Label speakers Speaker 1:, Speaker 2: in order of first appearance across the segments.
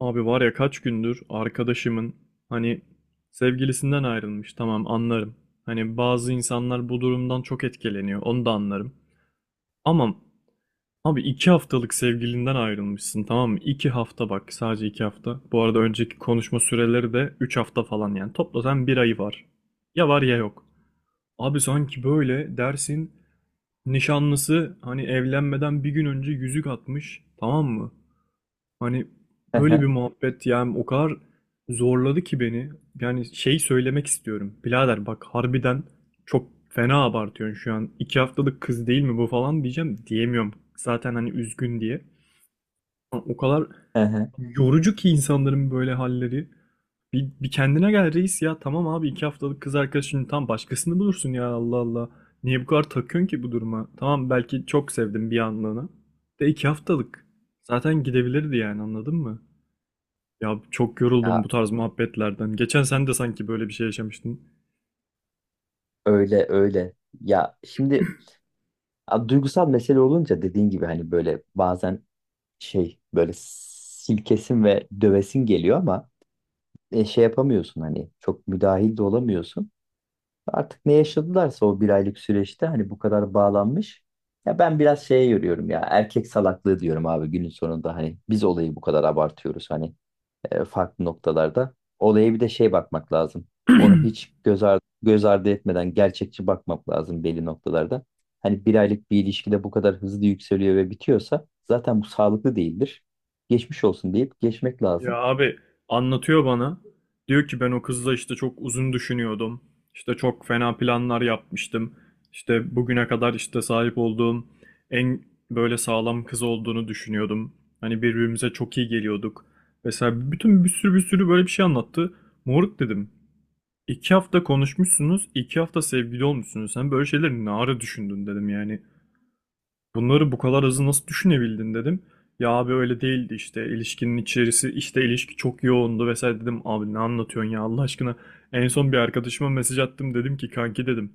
Speaker 1: Abi var ya kaç gündür arkadaşımın hani sevgilisinden ayrılmış, tamam, anlarım. Hani bazı insanlar bu durumdan çok etkileniyor, onu da anlarım. Ama abi iki haftalık sevgilinden ayrılmışsın, tamam mı? İki hafta, bak, sadece iki hafta. Bu arada önceki konuşma süreleri de üç hafta falan, yani toplasan bir ayı var. Ya var ya yok. Abi sanki böyle dersin nişanlısı hani evlenmeden bir gün önce yüzük atmış, tamam mı? Hani
Speaker 2: Hı
Speaker 1: öyle bir
Speaker 2: hı,
Speaker 1: muhabbet, yani o kadar zorladı ki beni. Yani şey söylemek istiyorum. Birader bak, harbiden çok fena abartıyorsun şu an. İki haftalık kız değil mi bu falan diyeceğim. Diyemiyorum. Zaten hani üzgün diye. Ama o kadar
Speaker 2: hı hı.
Speaker 1: yorucu ki insanların böyle halleri. Bir kendine gel reis ya. Tamam abi, iki haftalık kız arkadaşını, tam başkasını bulursun ya, Allah Allah. Niye bu kadar takıyorsun ki bu duruma? Tamam, belki çok sevdim bir anlığına. De iki haftalık. Zaten gidebilirdi yani, anladın mı? Ya çok yoruldum
Speaker 2: Ya
Speaker 1: bu tarz muhabbetlerden. Geçen sen de sanki böyle bir şey yaşamıştın.
Speaker 2: öyle öyle. Ya şimdi ya duygusal mesele olunca dediğin gibi hani böyle bazen şey böyle silkesin ve dövesin geliyor ama şey yapamıyorsun hani çok müdahil de olamıyorsun. Artık ne yaşadılarsa o bir aylık süreçte hani bu kadar bağlanmış. Ya ben biraz şeye yoruyorum ya erkek salaklığı diyorum abi günün sonunda hani biz olayı bu kadar abartıyoruz hani farklı noktalarda. Olaya bir de şey bakmak lazım. Onu hiç göz ardı etmeden gerçekçi bakmak lazım belli noktalarda. Hani bir aylık bir ilişkide bu kadar hızlı yükseliyor ve bitiyorsa zaten bu sağlıklı değildir. Geçmiş olsun deyip geçmek
Speaker 1: Ya
Speaker 2: lazım.
Speaker 1: abi, anlatıyor bana. Diyor ki ben o kızla işte çok uzun düşünüyordum. İşte çok fena planlar yapmıştım. İşte bugüne kadar işte sahip olduğum en böyle sağlam kız olduğunu düşünüyordum. Hani birbirimize çok iyi geliyorduk. Mesela bütün bir sürü bir sürü böyle bir şey anlattı. Moruk dedim. İki hafta konuşmuşsunuz, iki hafta sevgili olmuşsunuz. Sen böyle şeyleri ne ara düşündün dedim yani. Bunları bu kadar hızlı nasıl düşünebildin dedim. Ya abi öyle değildi işte, ilişkinin içerisi işte, ilişki çok yoğundu vesaire dedim. Abi ne anlatıyorsun ya, Allah aşkına. En son bir arkadaşıma mesaj attım, dedim ki kanki dedim.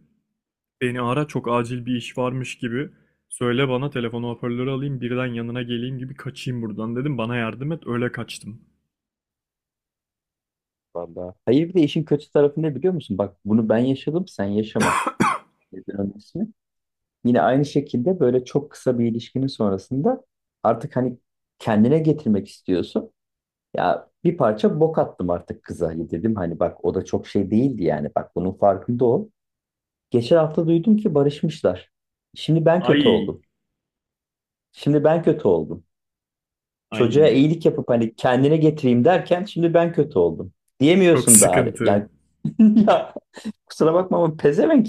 Speaker 1: Beni ara, çok acil bir iş varmış gibi. Söyle, bana telefonu hoparlörü alayım, birden yanına geleyim gibi kaçayım buradan dedim. Bana yardım et, öyle kaçtım.
Speaker 2: Vallahi. Hayır bir de işin kötü tarafı ne biliyor musun? Bak bunu ben yaşadım, sen yaşama. Nedir onun ismi? Yine aynı şekilde böyle çok kısa bir ilişkinin sonrasında artık hani kendine getirmek istiyorsun. Ya bir parça bok attım artık kıza. Hani dedim hani bak o da çok şey değildi yani. Bak bunun farkında ol. Geçen hafta duydum ki barışmışlar. Şimdi ben kötü
Speaker 1: Ay
Speaker 2: oldum. Şimdi ben kötü oldum. Çocuğa
Speaker 1: ay,
Speaker 2: iyilik yapıp hani kendine getireyim derken şimdi ben kötü oldum.
Speaker 1: çok
Speaker 2: Diyemiyorsun da hani.
Speaker 1: sıkıntı.
Speaker 2: Yani ya kusura bakma ama pezevenk.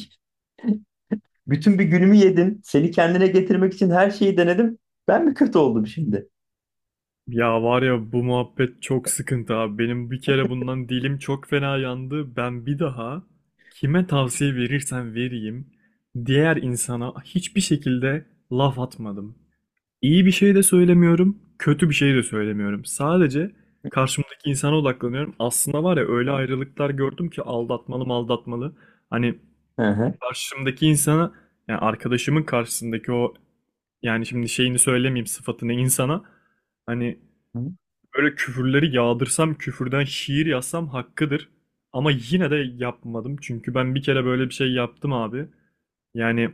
Speaker 2: Bütün bir günümü yedin. Seni kendine getirmek için her şeyi denedim. Ben mi kötü oldum şimdi?
Speaker 1: Ya var ya, bu muhabbet çok sıkıntı abi. Benim bir kere bundan dilim çok fena yandı. Ben bir daha kime tavsiye verirsem vereyim diğer insana hiçbir şekilde laf atmadım. İyi bir şey de söylemiyorum, kötü bir şey de söylemiyorum. Sadece karşımdaki insana odaklanıyorum. Aslında var ya, öyle ayrılıklar gördüm ki aldatmalı mı aldatmalı. Hani
Speaker 2: Hı hı.
Speaker 1: karşımdaki insana, yani arkadaşımın karşısındaki o, yani şimdi şeyini söylemeyeyim sıfatını, insana hani böyle küfürleri yağdırsam, küfürden şiir yazsam hakkıdır. Ama yine de yapmadım. Çünkü ben bir kere böyle bir şey yaptım abi. Yani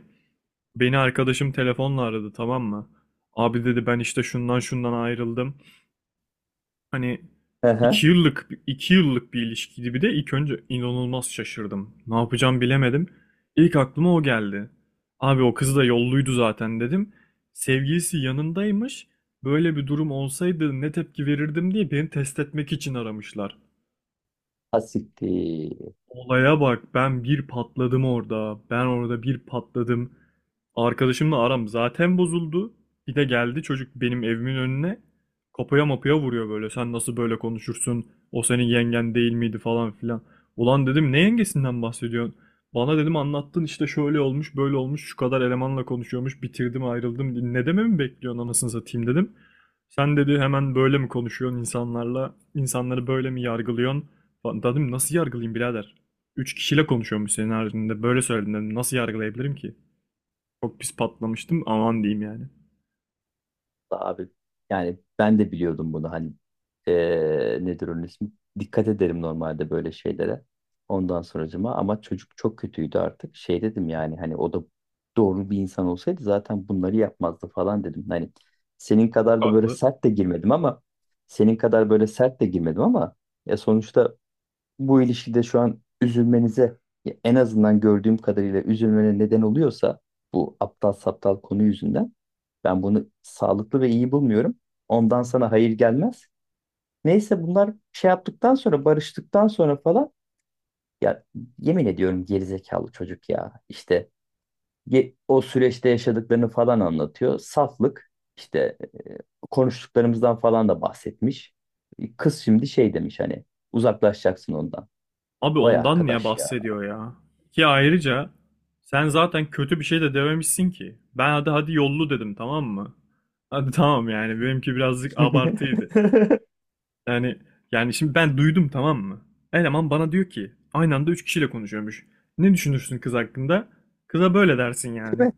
Speaker 1: beni arkadaşım telefonla aradı, tamam mı? Abi dedi, ben işte şundan şundan ayrıldım. Hani
Speaker 2: Hı
Speaker 1: iki
Speaker 2: hı.
Speaker 1: yıllık iki yıllık bir ilişkiydi, bir de ilk önce inanılmaz şaşırdım. Ne yapacağım bilemedim. İlk aklıma o geldi. Abi o kız da yolluydu zaten dedim. Sevgilisi yanındaymış. Böyle bir durum olsaydı ne tepki verirdim diye beni test etmek için aramışlar.
Speaker 2: Ha siktir.
Speaker 1: Olaya bak, ben bir patladım orada. Ben orada bir patladım. Arkadaşımla aram zaten bozuldu. Bir de geldi çocuk benim evimin önüne. Kapıya mapıya vuruyor böyle. Sen nasıl böyle konuşursun? O senin yengen değil miydi falan filan. Ulan dedim, ne yengesinden bahsediyorsun? Bana dedim anlattın işte, şöyle olmuş böyle olmuş, şu kadar elemanla konuşuyormuş, bitirdim ayrıldım. Ne dememi bekliyorsun anasını satayım dedim. Sen dedi hemen böyle mi konuşuyorsun insanlarla? İnsanları böyle mi yargılıyorsun? Lan dedim, nasıl yargılayayım birader? Üç kişiyle konuşuyormuş senin haricinde. Böyle söyledin dedim. Nasıl yargılayabilirim ki? Çok pis patlamıştım. Aman diyeyim yani.
Speaker 2: Abi yani ben de biliyordum bunu hani nedir onun ismi? Dikkat ederim normalde böyle şeylere. Ondan sonracıma ama çocuk çok kötüydü artık. Şey dedim yani hani o da doğru bir insan olsaydı zaten bunları yapmazdı falan dedim. Hani senin
Speaker 1: Çok
Speaker 2: kadar da böyle
Speaker 1: haklı.
Speaker 2: sert de girmedim ama senin kadar böyle sert de girmedim ama ya sonuçta bu ilişkide şu an üzülmenize ya en azından gördüğüm kadarıyla üzülmene neden oluyorsa bu aptal saptal konu yüzünden ben bunu sağlıklı ve iyi bulmuyorum. Ondan sana hayır gelmez. Neyse bunlar şey yaptıktan sonra barıştıktan sonra falan ya yemin ediyorum gerizekalı çocuk ya. İşte o süreçte yaşadıklarını falan anlatıyor. Saflık işte e, konuştuklarımızdan falan da bahsetmiş. E, kız şimdi şey demiş hani uzaklaşacaksın ondan.
Speaker 1: Abi
Speaker 2: Vay
Speaker 1: ondan niye
Speaker 2: arkadaş ya.
Speaker 1: bahsediyor ya? Ki ayrıca sen zaten kötü bir şey de dememişsin ki. Ben hadi hadi yollu dedim, tamam mı? Hadi tamam, yani benimki birazcık abartıydı.
Speaker 2: Değil
Speaker 1: Yani şimdi ben duydum, tamam mı? Eleman bana diyor ki aynı anda üç kişiyle konuşuyormuş. Ne düşünürsün kız hakkında? Kıza böyle dersin yani.
Speaker 2: mi?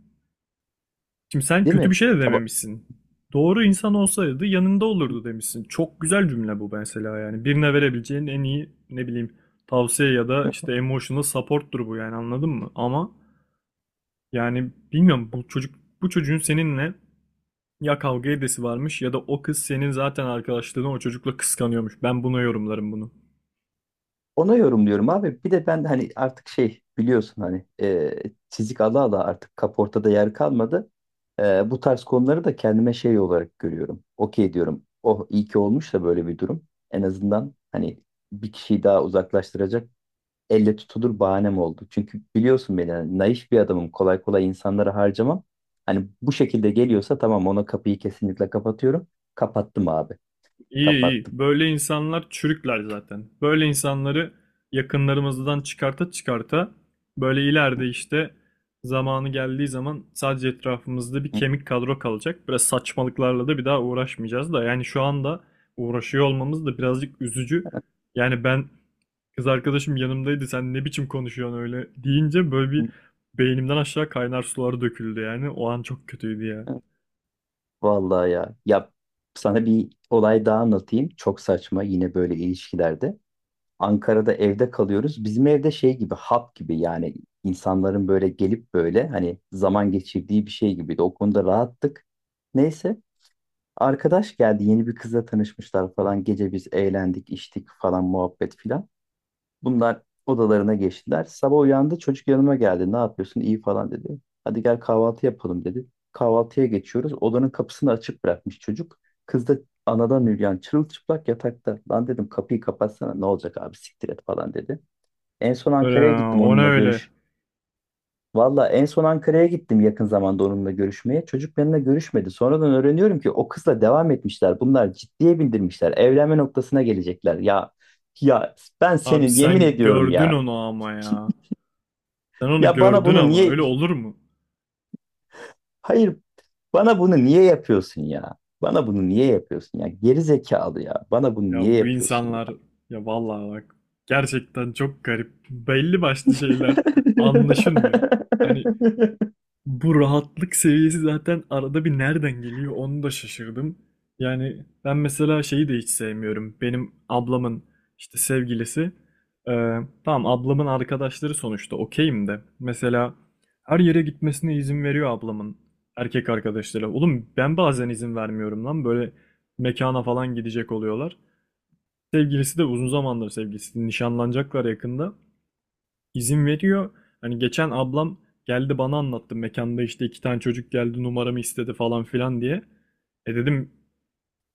Speaker 1: Şimdi sen
Speaker 2: Değil
Speaker 1: kötü bir
Speaker 2: mi?
Speaker 1: şey de
Speaker 2: Ya bak,
Speaker 1: dememişsin. Doğru insan olsaydı yanında olurdu demişsin. Çok güzel cümle bu mesela yani. Birine verebileceğin en iyi, ne bileyim, tavsiye ya da işte emotional support'tur bu yani, anladın mı? Ama yani bilmiyorum, bu çocuk bu çocuğun seninle ya kavga edesi varmış, ya da o kız senin zaten arkadaşlığını o çocukla kıskanıyormuş. Ben buna yorumlarım bunu.
Speaker 2: ona yorumluyorum abi. Bir de ben hani artık şey biliyorsun hani çizik ala ala artık kaportada yer kalmadı. E, bu tarz konuları da kendime şey olarak görüyorum. Okey diyorum. Oh iyi ki olmuş da böyle bir durum. En azından hani bir kişiyi daha uzaklaştıracak elle tutulur bahanem oldu. Çünkü biliyorsun beni hani naif bir adamım. Kolay kolay insanlara harcamam. Hani bu şekilde geliyorsa tamam ona kapıyı kesinlikle kapatıyorum. Kapattım abi.
Speaker 1: İyi iyi.
Speaker 2: Kapattım.
Speaker 1: Böyle insanlar çürükler zaten. Böyle insanları yakınlarımızdan çıkarta çıkarta, böyle ileride işte zamanı geldiği zaman sadece etrafımızda bir kemik kadro kalacak. Biraz saçmalıklarla da bir daha uğraşmayacağız da yani şu anda uğraşıyor olmamız da birazcık üzücü. Yani ben, kız arkadaşım yanımdaydı sen ne biçim konuşuyorsun öyle deyince, böyle bir beynimden aşağı kaynar sular döküldü yani. O an çok kötüydü ya.
Speaker 2: Evet. Vallahi ya. Ya sana bir olay daha anlatayım. Çok saçma yine böyle ilişkilerde. Ankara'da evde kalıyoruz. Bizim evde şey gibi hap gibi yani insanların böyle gelip böyle hani zaman geçirdiği bir şey gibiydi. O konuda rahattık. Neyse arkadaş geldi, yeni bir kızla tanışmışlar falan. Gece biz eğlendik, içtik falan, muhabbet filan. Bunlar odalarına geçtiler. Sabah uyandı çocuk, yanıma geldi. Ne yapıyorsun? İyi falan dedi. Hadi gel kahvaltı yapalım dedi. Kahvaltıya geçiyoruz. Odanın kapısını açık bırakmış çocuk. Kız da anadan üryan çırılçıplak yatakta. Lan dedim kapıyı kapatsana, ne olacak abi, siktir et falan dedi. En son
Speaker 1: Öyle
Speaker 2: Ankara'ya
Speaker 1: ya,
Speaker 2: gittim
Speaker 1: o ne
Speaker 2: onunla
Speaker 1: öyle?
Speaker 2: görüş. Valla en son Ankara'ya gittim yakın zamanda onunla görüşmeye. Çocuk benimle görüşmedi. Sonradan öğreniyorum ki o kızla devam etmişler. Bunlar ciddiye bindirmişler. Evlenme noktasına gelecekler. Ya ben
Speaker 1: Abi
Speaker 2: senin yemin
Speaker 1: sen
Speaker 2: ediyorum
Speaker 1: gördün
Speaker 2: ya.
Speaker 1: onu ama ya. Sen onu
Speaker 2: Ya bana
Speaker 1: gördün,
Speaker 2: bunu
Speaker 1: ama
Speaker 2: niye
Speaker 1: öyle olur mu?
Speaker 2: hayır bana bunu niye yapıyorsun ya? Bana bunu niye yapıyorsun ya? Geri zekalı ya. Bana bunu
Speaker 1: Ya
Speaker 2: niye
Speaker 1: bu
Speaker 2: yapıyorsun
Speaker 1: insanlar,
Speaker 2: ya?
Speaker 1: ya vallahi bak, gerçekten çok garip. Belli başlı şeyler anlaşılmıyor. Hani bu rahatlık seviyesi zaten arada bir nereden geliyor, onu da şaşırdım. Yani ben mesela şeyi de hiç sevmiyorum. Benim ablamın işte sevgilisi. e, tamam, ablamın arkadaşları sonuçta, okeyim de. Mesela her yere gitmesine izin veriyor ablamın erkek arkadaşları. Oğlum ben bazen izin vermiyorum lan, böyle mekana falan gidecek oluyorlar. Sevgilisi de, uzun zamandır sevgilisi, nişanlanacaklar yakında, izin veriyor. Hani geçen ablam geldi bana anlattı. Mekanda işte iki tane çocuk geldi numaramı istedi falan filan diye. E dedim,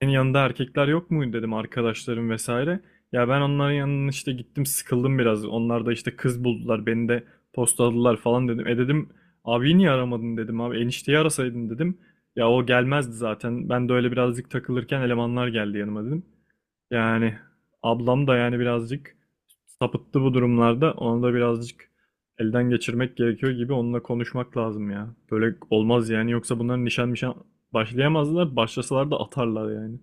Speaker 1: senin yanında erkekler yok muydu dedim, arkadaşlarım vesaire. Ya ben onların yanına işte gittim, sıkıldım biraz. Onlar da işte kız buldular, beni de postaladılar falan dedim. E dedim, abi niye aramadın dedim, abi enişteyi arasaydın dedim. Ya o gelmezdi zaten. Ben de öyle birazcık takılırken elemanlar geldi yanıma dedim. Yani ablam da yani birazcık sapıttı bu durumlarda. Onu da birazcık elden geçirmek gerekiyor gibi, onunla konuşmak lazım ya. Böyle olmaz yani, yoksa bunların nişan başlayamazlar. Başlasalar da atarlar yani.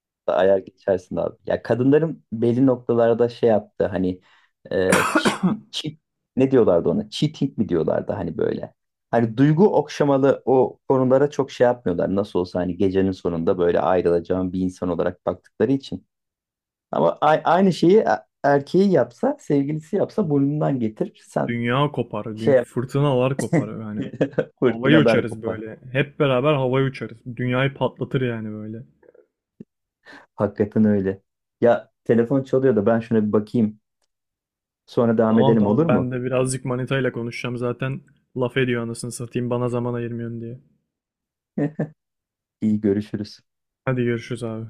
Speaker 2: Ayar geçersin abi. Ya kadınların belli noktalarda şey yaptı hani e, cheat, cheat- ne diyorlardı ona? Cheating mi diyorlardı hani böyle. Hani duygu okşamalı o konulara çok şey yapmıyorlar. Nasıl olsa hani gecenin sonunda böyle ayrılacağım bir insan olarak baktıkları için. Aynı şeyi erkeği yapsa, sevgilisi yapsa burnundan getirir. Sen
Speaker 1: Dünya kopar,
Speaker 2: şey yap.
Speaker 1: fırtınalar kopar yani. Havaya
Speaker 2: Fırtınalar
Speaker 1: uçarız
Speaker 2: kopar.
Speaker 1: böyle. Hep beraber havaya uçarız. Dünyayı patlatır yani böyle.
Speaker 2: Hakikaten öyle. Ya telefon çalıyor da ben şuna bir bakayım. Sonra devam
Speaker 1: Tamam
Speaker 2: edelim olur
Speaker 1: tamam, ben
Speaker 2: mu?
Speaker 1: de birazcık manitayla konuşacağım zaten. Laf ediyor anasını satayım, bana zaman ayırmıyorsun diye.
Speaker 2: İyi görüşürüz.
Speaker 1: Hadi görüşürüz abi.